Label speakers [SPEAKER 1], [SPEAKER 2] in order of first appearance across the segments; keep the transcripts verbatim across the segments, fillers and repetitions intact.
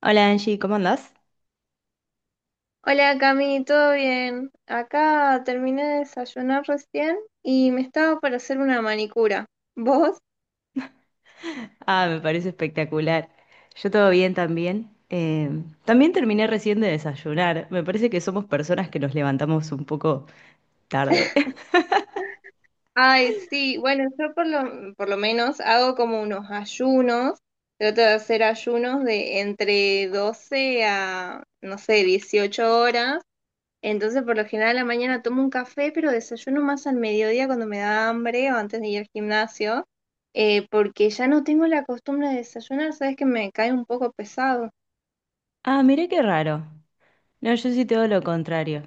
[SPEAKER 1] Hola Angie, ¿cómo andás?
[SPEAKER 2] Hola Cami, ¿todo bien? Acá terminé de desayunar recién y me estaba para hacer una manicura. ¿Vos?
[SPEAKER 1] Ah, me parece espectacular. Yo todo bien también. Eh, también terminé recién de desayunar. Me parece que somos personas que nos levantamos un poco tarde.
[SPEAKER 2] Ay, sí, bueno, yo por lo, por lo menos hago como unos ayunos, trato de hacer ayunos de entre doce a, no sé, dieciocho horas. Entonces, por lo general, a la mañana tomo un café, pero desayuno más al mediodía cuando me da hambre o antes de ir al gimnasio, eh, porque ya no tengo la costumbre de desayunar, sabes que me cae un poco pesado.
[SPEAKER 1] Ah, mirá qué raro. No, yo sí todo lo contrario.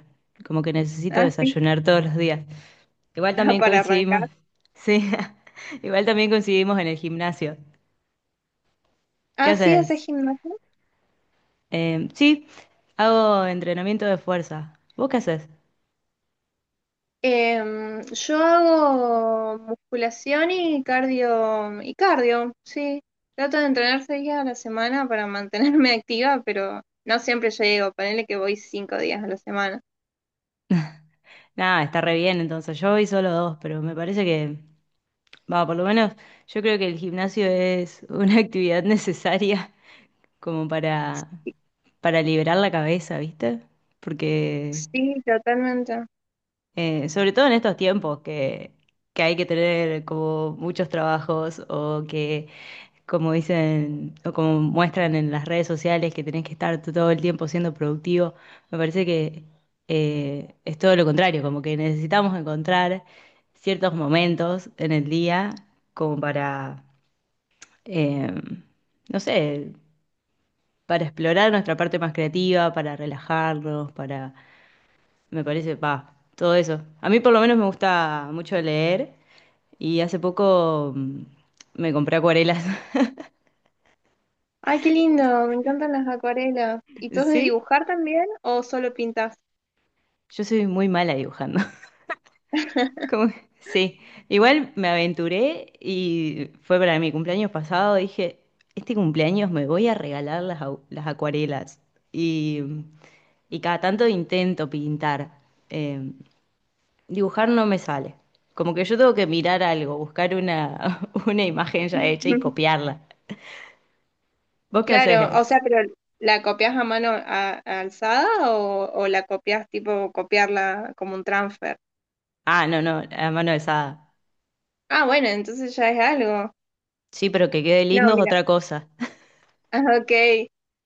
[SPEAKER 1] Como que necesito
[SPEAKER 2] Así
[SPEAKER 1] desayunar todos los días. Igual
[SPEAKER 2] Ajá,
[SPEAKER 1] también
[SPEAKER 2] para
[SPEAKER 1] coincidimos.
[SPEAKER 2] arrancar.
[SPEAKER 1] Sí, igual también coincidimos en el gimnasio. ¿Qué
[SPEAKER 2] Ah, sí, haces
[SPEAKER 1] haces?
[SPEAKER 2] gimnasia.
[SPEAKER 1] Eh, sí, hago entrenamiento de fuerza. ¿Vos qué haces?
[SPEAKER 2] Em, yo hago musculación y cardio, y cardio, sí. Trato de entrenar seis días a la semana para mantenerme activa, pero no siempre llego. Ponele que voy cinco días a la semana.
[SPEAKER 1] Nada, está re bien, entonces yo voy solo dos, pero me parece que, va, por lo menos yo creo que el gimnasio es una actividad necesaria como para, para liberar la cabeza, ¿viste? Porque
[SPEAKER 2] Sí, totalmente.
[SPEAKER 1] eh, sobre todo en estos tiempos que, que hay que tener como muchos trabajos o que, como dicen o como muestran en las redes sociales, que tenés que estar todo el tiempo siendo productivo, me parece que eh, es todo lo contrario, como que necesitamos encontrar ciertos momentos en el día como para, eh, no sé, para explorar nuestra parte más creativa, para relajarnos, para, me parece, va, todo eso. A mí por lo menos me gusta mucho leer y hace poco mm, me compré acuarelas.
[SPEAKER 2] Ay, qué lindo, me encantan las acuarelas. ¿Y tú has de
[SPEAKER 1] Sí,
[SPEAKER 2] dibujar también o solo pintas?
[SPEAKER 1] yo soy muy mala dibujando. Como que- Sí, igual me aventuré y fue para mi cumpleaños pasado, dije, este cumpleaños me voy a regalar las, au- las acuarelas. Y y cada tanto intento pintar. em, Dibujar no me sale. Como que yo tengo que mirar algo, buscar una, una imagen ya hecha y copiarla. ¿Vos qué
[SPEAKER 2] Claro, o sea,
[SPEAKER 1] haces?
[SPEAKER 2] pero ¿la copias a mano a- alzada o, o la copias tipo copiarla como un transfer?
[SPEAKER 1] Ah, no, no, a mano alzada.
[SPEAKER 2] Ah, bueno, entonces ya es algo.
[SPEAKER 1] Sí, pero que quede
[SPEAKER 2] No,
[SPEAKER 1] lindo es
[SPEAKER 2] mira.
[SPEAKER 1] otra cosa.
[SPEAKER 2] Ah, ok.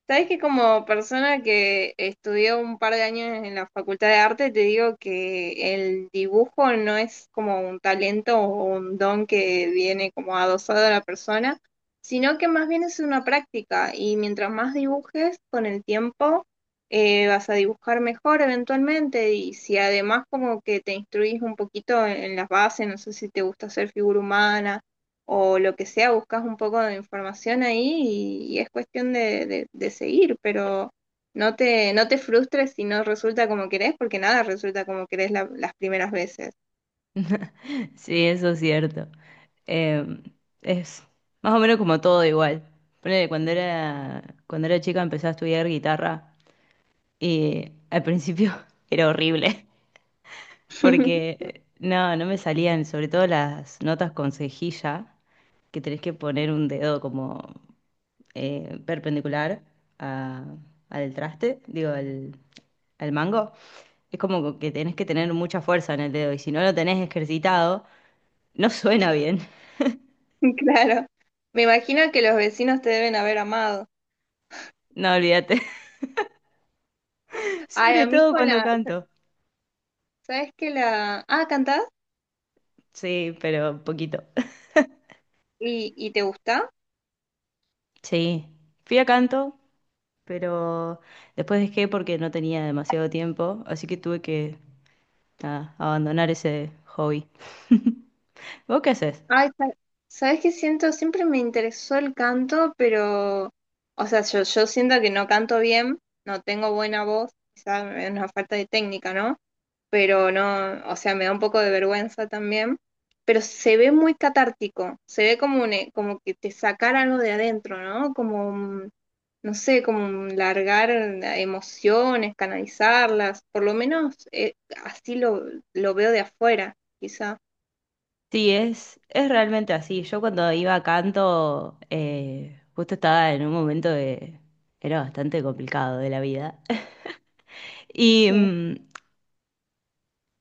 [SPEAKER 2] Sabes que como persona que estudió un par de años en la Facultad de Arte, te digo que el dibujo no es como un talento o un don que viene como adosado a la persona, sino que más bien es una práctica y mientras más dibujes con el tiempo, eh, vas a dibujar mejor eventualmente y si además como que te instruís un poquito en en las bases, no sé si te gusta hacer figura humana o lo que sea, buscas un poco de información ahí y, y es cuestión de, de- de seguir, pero no te, no te frustres si no resulta como querés, porque nada resulta como querés la- las primeras veces.
[SPEAKER 1] Sí, eso es cierto. Eh, es más o menos como todo igual. Ponele, cuando era, cuando era chica empecé a estudiar guitarra y al principio era horrible porque no, no me salían, sobre todo las notas con cejilla que tenés que poner un dedo como eh, perpendicular a- al traste, digo, al, al mango, es como que tenés que tener mucha fuerza en el dedo y si no lo tenés ejercitado, no suena bien.
[SPEAKER 2] Claro. Me imagino que los vecinos te deben haber amado.
[SPEAKER 1] No, olvídate.
[SPEAKER 2] Ay,
[SPEAKER 1] Sobre
[SPEAKER 2] a mí
[SPEAKER 1] todo
[SPEAKER 2] con
[SPEAKER 1] cuando
[SPEAKER 2] la,
[SPEAKER 1] canto.
[SPEAKER 2] ¿Sabes qué la? Ah, ¿cantás?
[SPEAKER 1] Sí, pero poquito.
[SPEAKER 2] ¿Y, y te gusta?
[SPEAKER 1] Sí, fui a canto, pero después dejé porque no tenía demasiado tiempo, así que tuve que, nada, abandonar ese hobby. ¿Vos qué haces?
[SPEAKER 2] Ay, sa- ¿Sabes qué siento? Siempre me interesó el canto, pero, o sea, yo, yo siento que no canto bien, no tengo buena voz, quizás es una falta de técnica, ¿no? Pero no, o sea, me da un poco de vergüenza también, pero se ve muy catártico, se ve como, un, e- como que te sacar algo de adentro, ¿no? Como, un- no sé, como un largar emociones, canalizarlas, por lo menos eh, así lo, lo veo de afuera, quizá.
[SPEAKER 1] Sí, es, es realmente así. Yo cuando iba a canto, eh, justo estaba en un momento de... Era bastante complicado de la vida. Y
[SPEAKER 2] Sí,
[SPEAKER 1] mm,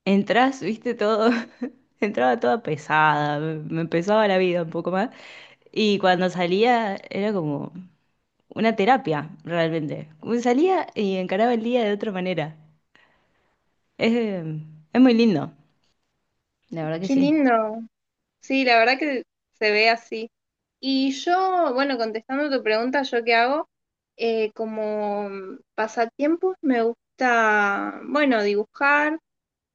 [SPEAKER 1] entras, viste, todo... Entraba toda pesada, me me pesaba la vida un poco más. Y cuando salía era como una terapia, realmente. Como salía y encaraba el día de otra manera. Es, eh, es muy lindo, la verdad que
[SPEAKER 2] qué
[SPEAKER 1] sí.
[SPEAKER 2] lindo. Sí, la verdad que se ve así. Y yo, bueno, contestando tu pregunta, ¿yo qué hago? Eh, como pasatiempos me gusta, bueno, dibujar,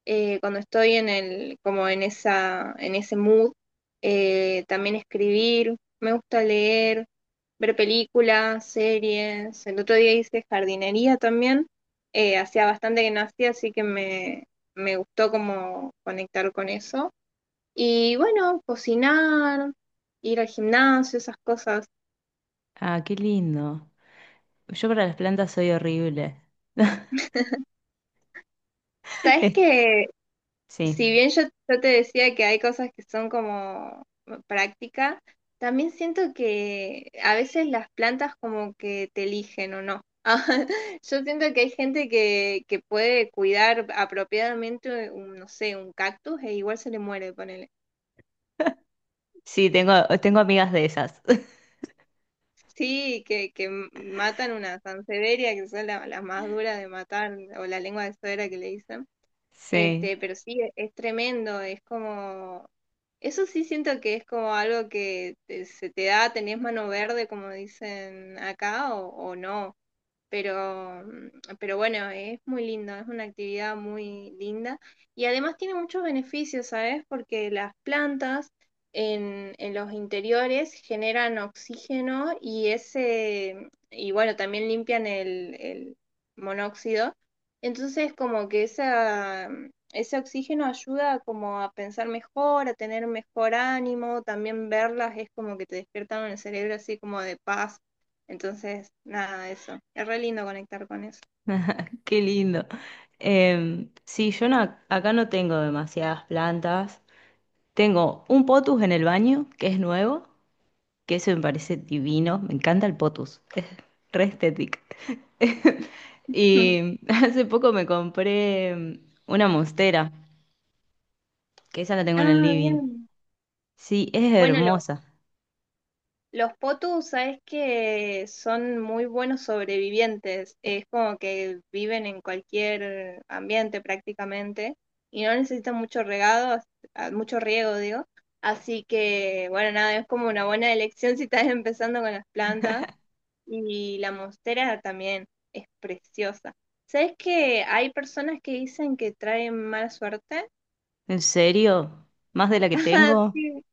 [SPEAKER 2] eh, cuando estoy en el, como en esa, en ese mood, eh, también escribir, me gusta leer, ver películas, series. El otro día hice jardinería también, eh, hacía bastante que no hacía, así que me, me gustó como conectar con eso. Y bueno, cocinar, ir al gimnasio, esas cosas.
[SPEAKER 1] Ah, qué lindo. Yo para las plantas soy horrible.
[SPEAKER 2] Sabes que si
[SPEAKER 1] Sí,
[SPEAKER 2] bien yo, yo te decía que hay cosas que son como práctica, también siento que a veces las plantas como que te eligen o no. Yo siento que hay gente que, que puede cuidar apropiadamente un, no sé, un cactus e igual se le muere, ponele.
[SPEAKER 1] sí, tengo, tengo amigas de esas.
[SPEAKER 2] Sí, que, que matan una sansevieria, que son la- las más duras de matar, o la lengua de suegra que le dicen.
[SPEAKER 1] Sí,
[SPEAKER 2] Este, pero sí, es, es tremendo, es como, eso sí siento que es como algo que te- se te da, tenés mano verde, como dicen acá, o, o no. Pero, mm, pero bueno, es muy lindo, es una actividad muy linda y además tiene muchos beneficios, ¿sabes? Porque las plantas en, en los interiores generan oxígeno y ese, y bueno, también limpian el, el monóxido. Entonces, como que esa, mm, ese oxígeno ayuda como a pensar mejor, a tener mejor ánimo, también verlas es como que te despiertan el cerebro así como de paz entonces, nada, eso. Es re lindo conectar con eso.
[SPEAKER 1] qué lindo. Em, sí, yo no- acá no tengo demasiadas plantas. Tengo un potus en el baño, que es nuevo, que eso me parece divino. Me encanta el potus, es re estético. Y hace poco me compré em, una monstera, que esa la tengo en el
[SPEAKER 2] Ah,
[SPEAKER 1] living.
[SPEAKER 2] bien.
[SPEAKER 1] Sí, es
[SPEAKER 2] Bueno, lo-
[SPEAKER 1] hermosa.
[SPEAKER 2] los potus, sabes que son muy buenos sobrevivientes. Es como que viven en cualquier ambiente prácticamente y no necesitan mucho regado, as- ah, mucho riego, digo. Así que, bueno, nada, es como una buena elección si estás empezando con las plantas. Y la monstera también es preciosa. ¿Sabes que hay personas que dicen que traen mala suerte?
[SPEAKER 1] ¿En serio? ¿Más de la que
[SPEAKER 2] Ajá,
[SPEAKER 1] tengo?
[SPEAKER 2] sí.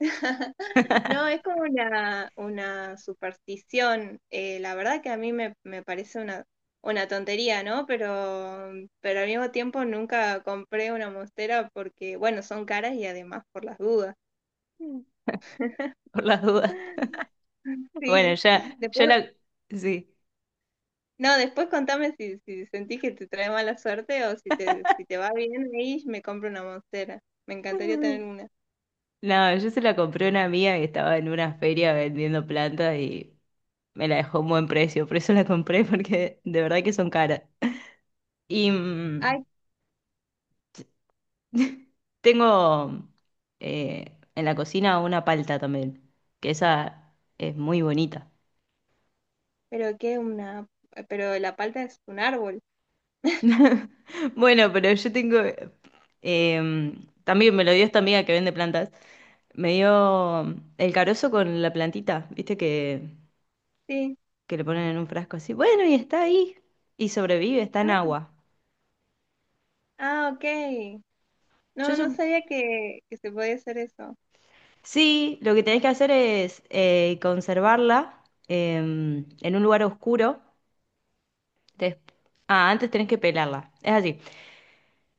[SPEAKER 2] No, es como una, una superstición. Eh, la verdad que a mí me, me parece una, una tontería, ¿no? Pero, pero al mismo tiempo nunca compré una monstera porque, bueno, son caras y además por las dudas.
[SPEAKER 1] Por las dudas. Bueno,
[SPEAKER 2] Sí.
[SPEAKER 1] ya, yo
[SPEAKER 2] Después,
[SPEAKER 1] la... Sí.
[SPEAKER 2] no, después contame si, si sentís que te trae mala suerte o si te, si te va bien ahí, me compro una monstera. Me encantaría tener una.
[SPEAKER 1] No, yo se la compré a una amiga que estaba en una feria vendiendo plantas y me la dejó a un buen precio. Por eso la compré, porque de verdad que son caras. Y mm,
[SPEAKER 2] Ay,
[SPEAKER 1] tengo eh, en la cocina una palta también, que esa es muy bonita.
[SPEAKER 2] pero qué una, pero la palta es un árbol.
[SPEAKER 1] Bueno, pero yo tengo... eh, también me lo dio esta amiga que vende plantas. Me dio el carozo con la plantita, viste que
[SPEAKER 2] Sí.
[SPEAKER 1] que le ponen en un frasco así. Bueno, y está ahí. Y sobrevive, está en
[SPEAKER 2] Ah,
[SPEAKER 1] agua.
[SPEAKER 2] ah, ok.
[SPEAKER 1] Yo
[SPEAKER 2] No, no
[SPEAKER 1] sup-
[SPEAKER 2] sabía que, que se podía hacer eso.
[SPEAKER 1] sí, lo que tenés que hacer es eh, conservarla em, en un lugar oscuro. Des- Ah, antes tenés que pelarla. Es así.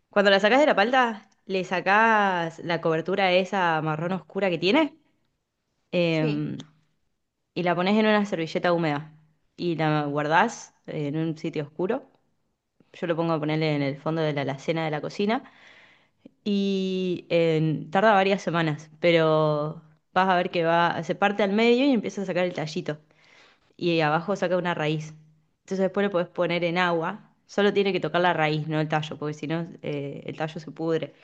[SPEAKER 1] Cuando la sacás de la palta, le sacás la cobertura esa marrón oscura que tiene,
[SPEAKER 2] Sí.
[SPEAKER 1] em, y la pones en una servilleta húmeda y la guardás en un sitio oscuro. Yo lo pongo a ponerle en el fondo de la alacena de la cocina. Y eh, tarda varias semanas, pero vas a ver que va, se parte al medio y empieza a sacar el tallito. Y abajo saca una raíz. Entonces después lo podés poner en agua. Solo tiene que tocar la raíz, no el tallo, porque si no, eh, el tallo se pudre.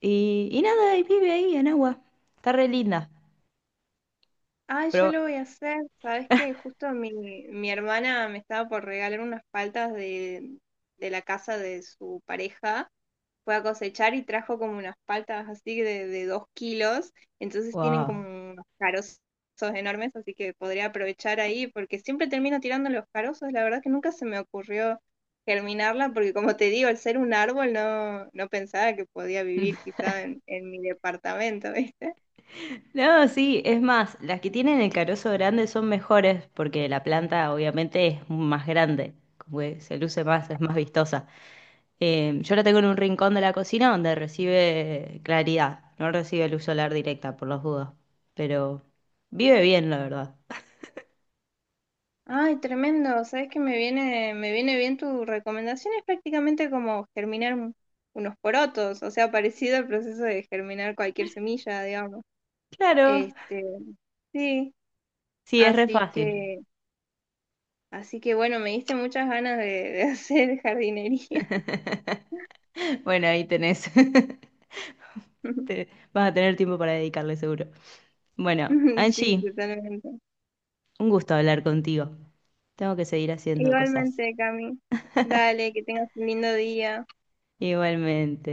[SPEAKER 1] Y, y nada, y vive ahí en agua. Está re linda.
[SPEAKER 2] Ay,
[SPEAKER 1] Pero,
[SPEAKER 2] yo lo voy a hacer. Sabes que justo mi, mi hermana me estaba por regalar unas paltas de, de la casa de su pareja. Fue a cosechar y trajo como unas paltas así de, de dos kilos, entonces tienen
[SPEAKER 1] wow.
[SPEAKER 2] como unos carozos enormes, así que podría aprovechar ahí, porque siempre termino tirando los carozos, la verdad que nunca se me ocurrió germinarla, porque como te digo, al ser un árbol no, no pensaba que podía vivir quizá en, en mi departamento, ¿viste?
[SPEAKER 1] No, sí, es más, las que tienen el carozo grande son mejores porque la planta obviamente es más grande, como que se luce más, es más vistosa. Eh, yo la tengo en un rincón de la cocina donde recibe claridad, no recibe luz solar directa por las dudas, pero vive bien, la verdad.
[SPEAKER 2] Ay, tremendo, sabes que me viene, me viene bien tu recomendación, es prácticamente como germinar un- unos porotos, o sea, parecido al proceso de germinar cualquier semilla, digamos.
[SPEAKER 1] Claro,
[SPEAKER 2] Este, sí,
[SPEAKER 1] sí, es re
[SPEAKER 2] así
[SPEAKER 1] fácil.
[SPEAKER 2] que, así que bueno, me diste muchas ganas de, de hacer jardinería.
[SPEAKER 1] Bueno, ahí tenés. Te- vas a tener tiempo para dedicarle seguro. Bueno,
[SPEAKER 2] Sí,
[SPEAKER 1] Angie,
[SPEAKER 2] totalmente.
[SPEAKER 1] un gusto hablar contigo. Tengo que seguir haciendo cosas.
[SPEAKER 2] Igualmente, Cami. Dale, que tengas un lindo día.
[SPEAKER 1] Igualmente.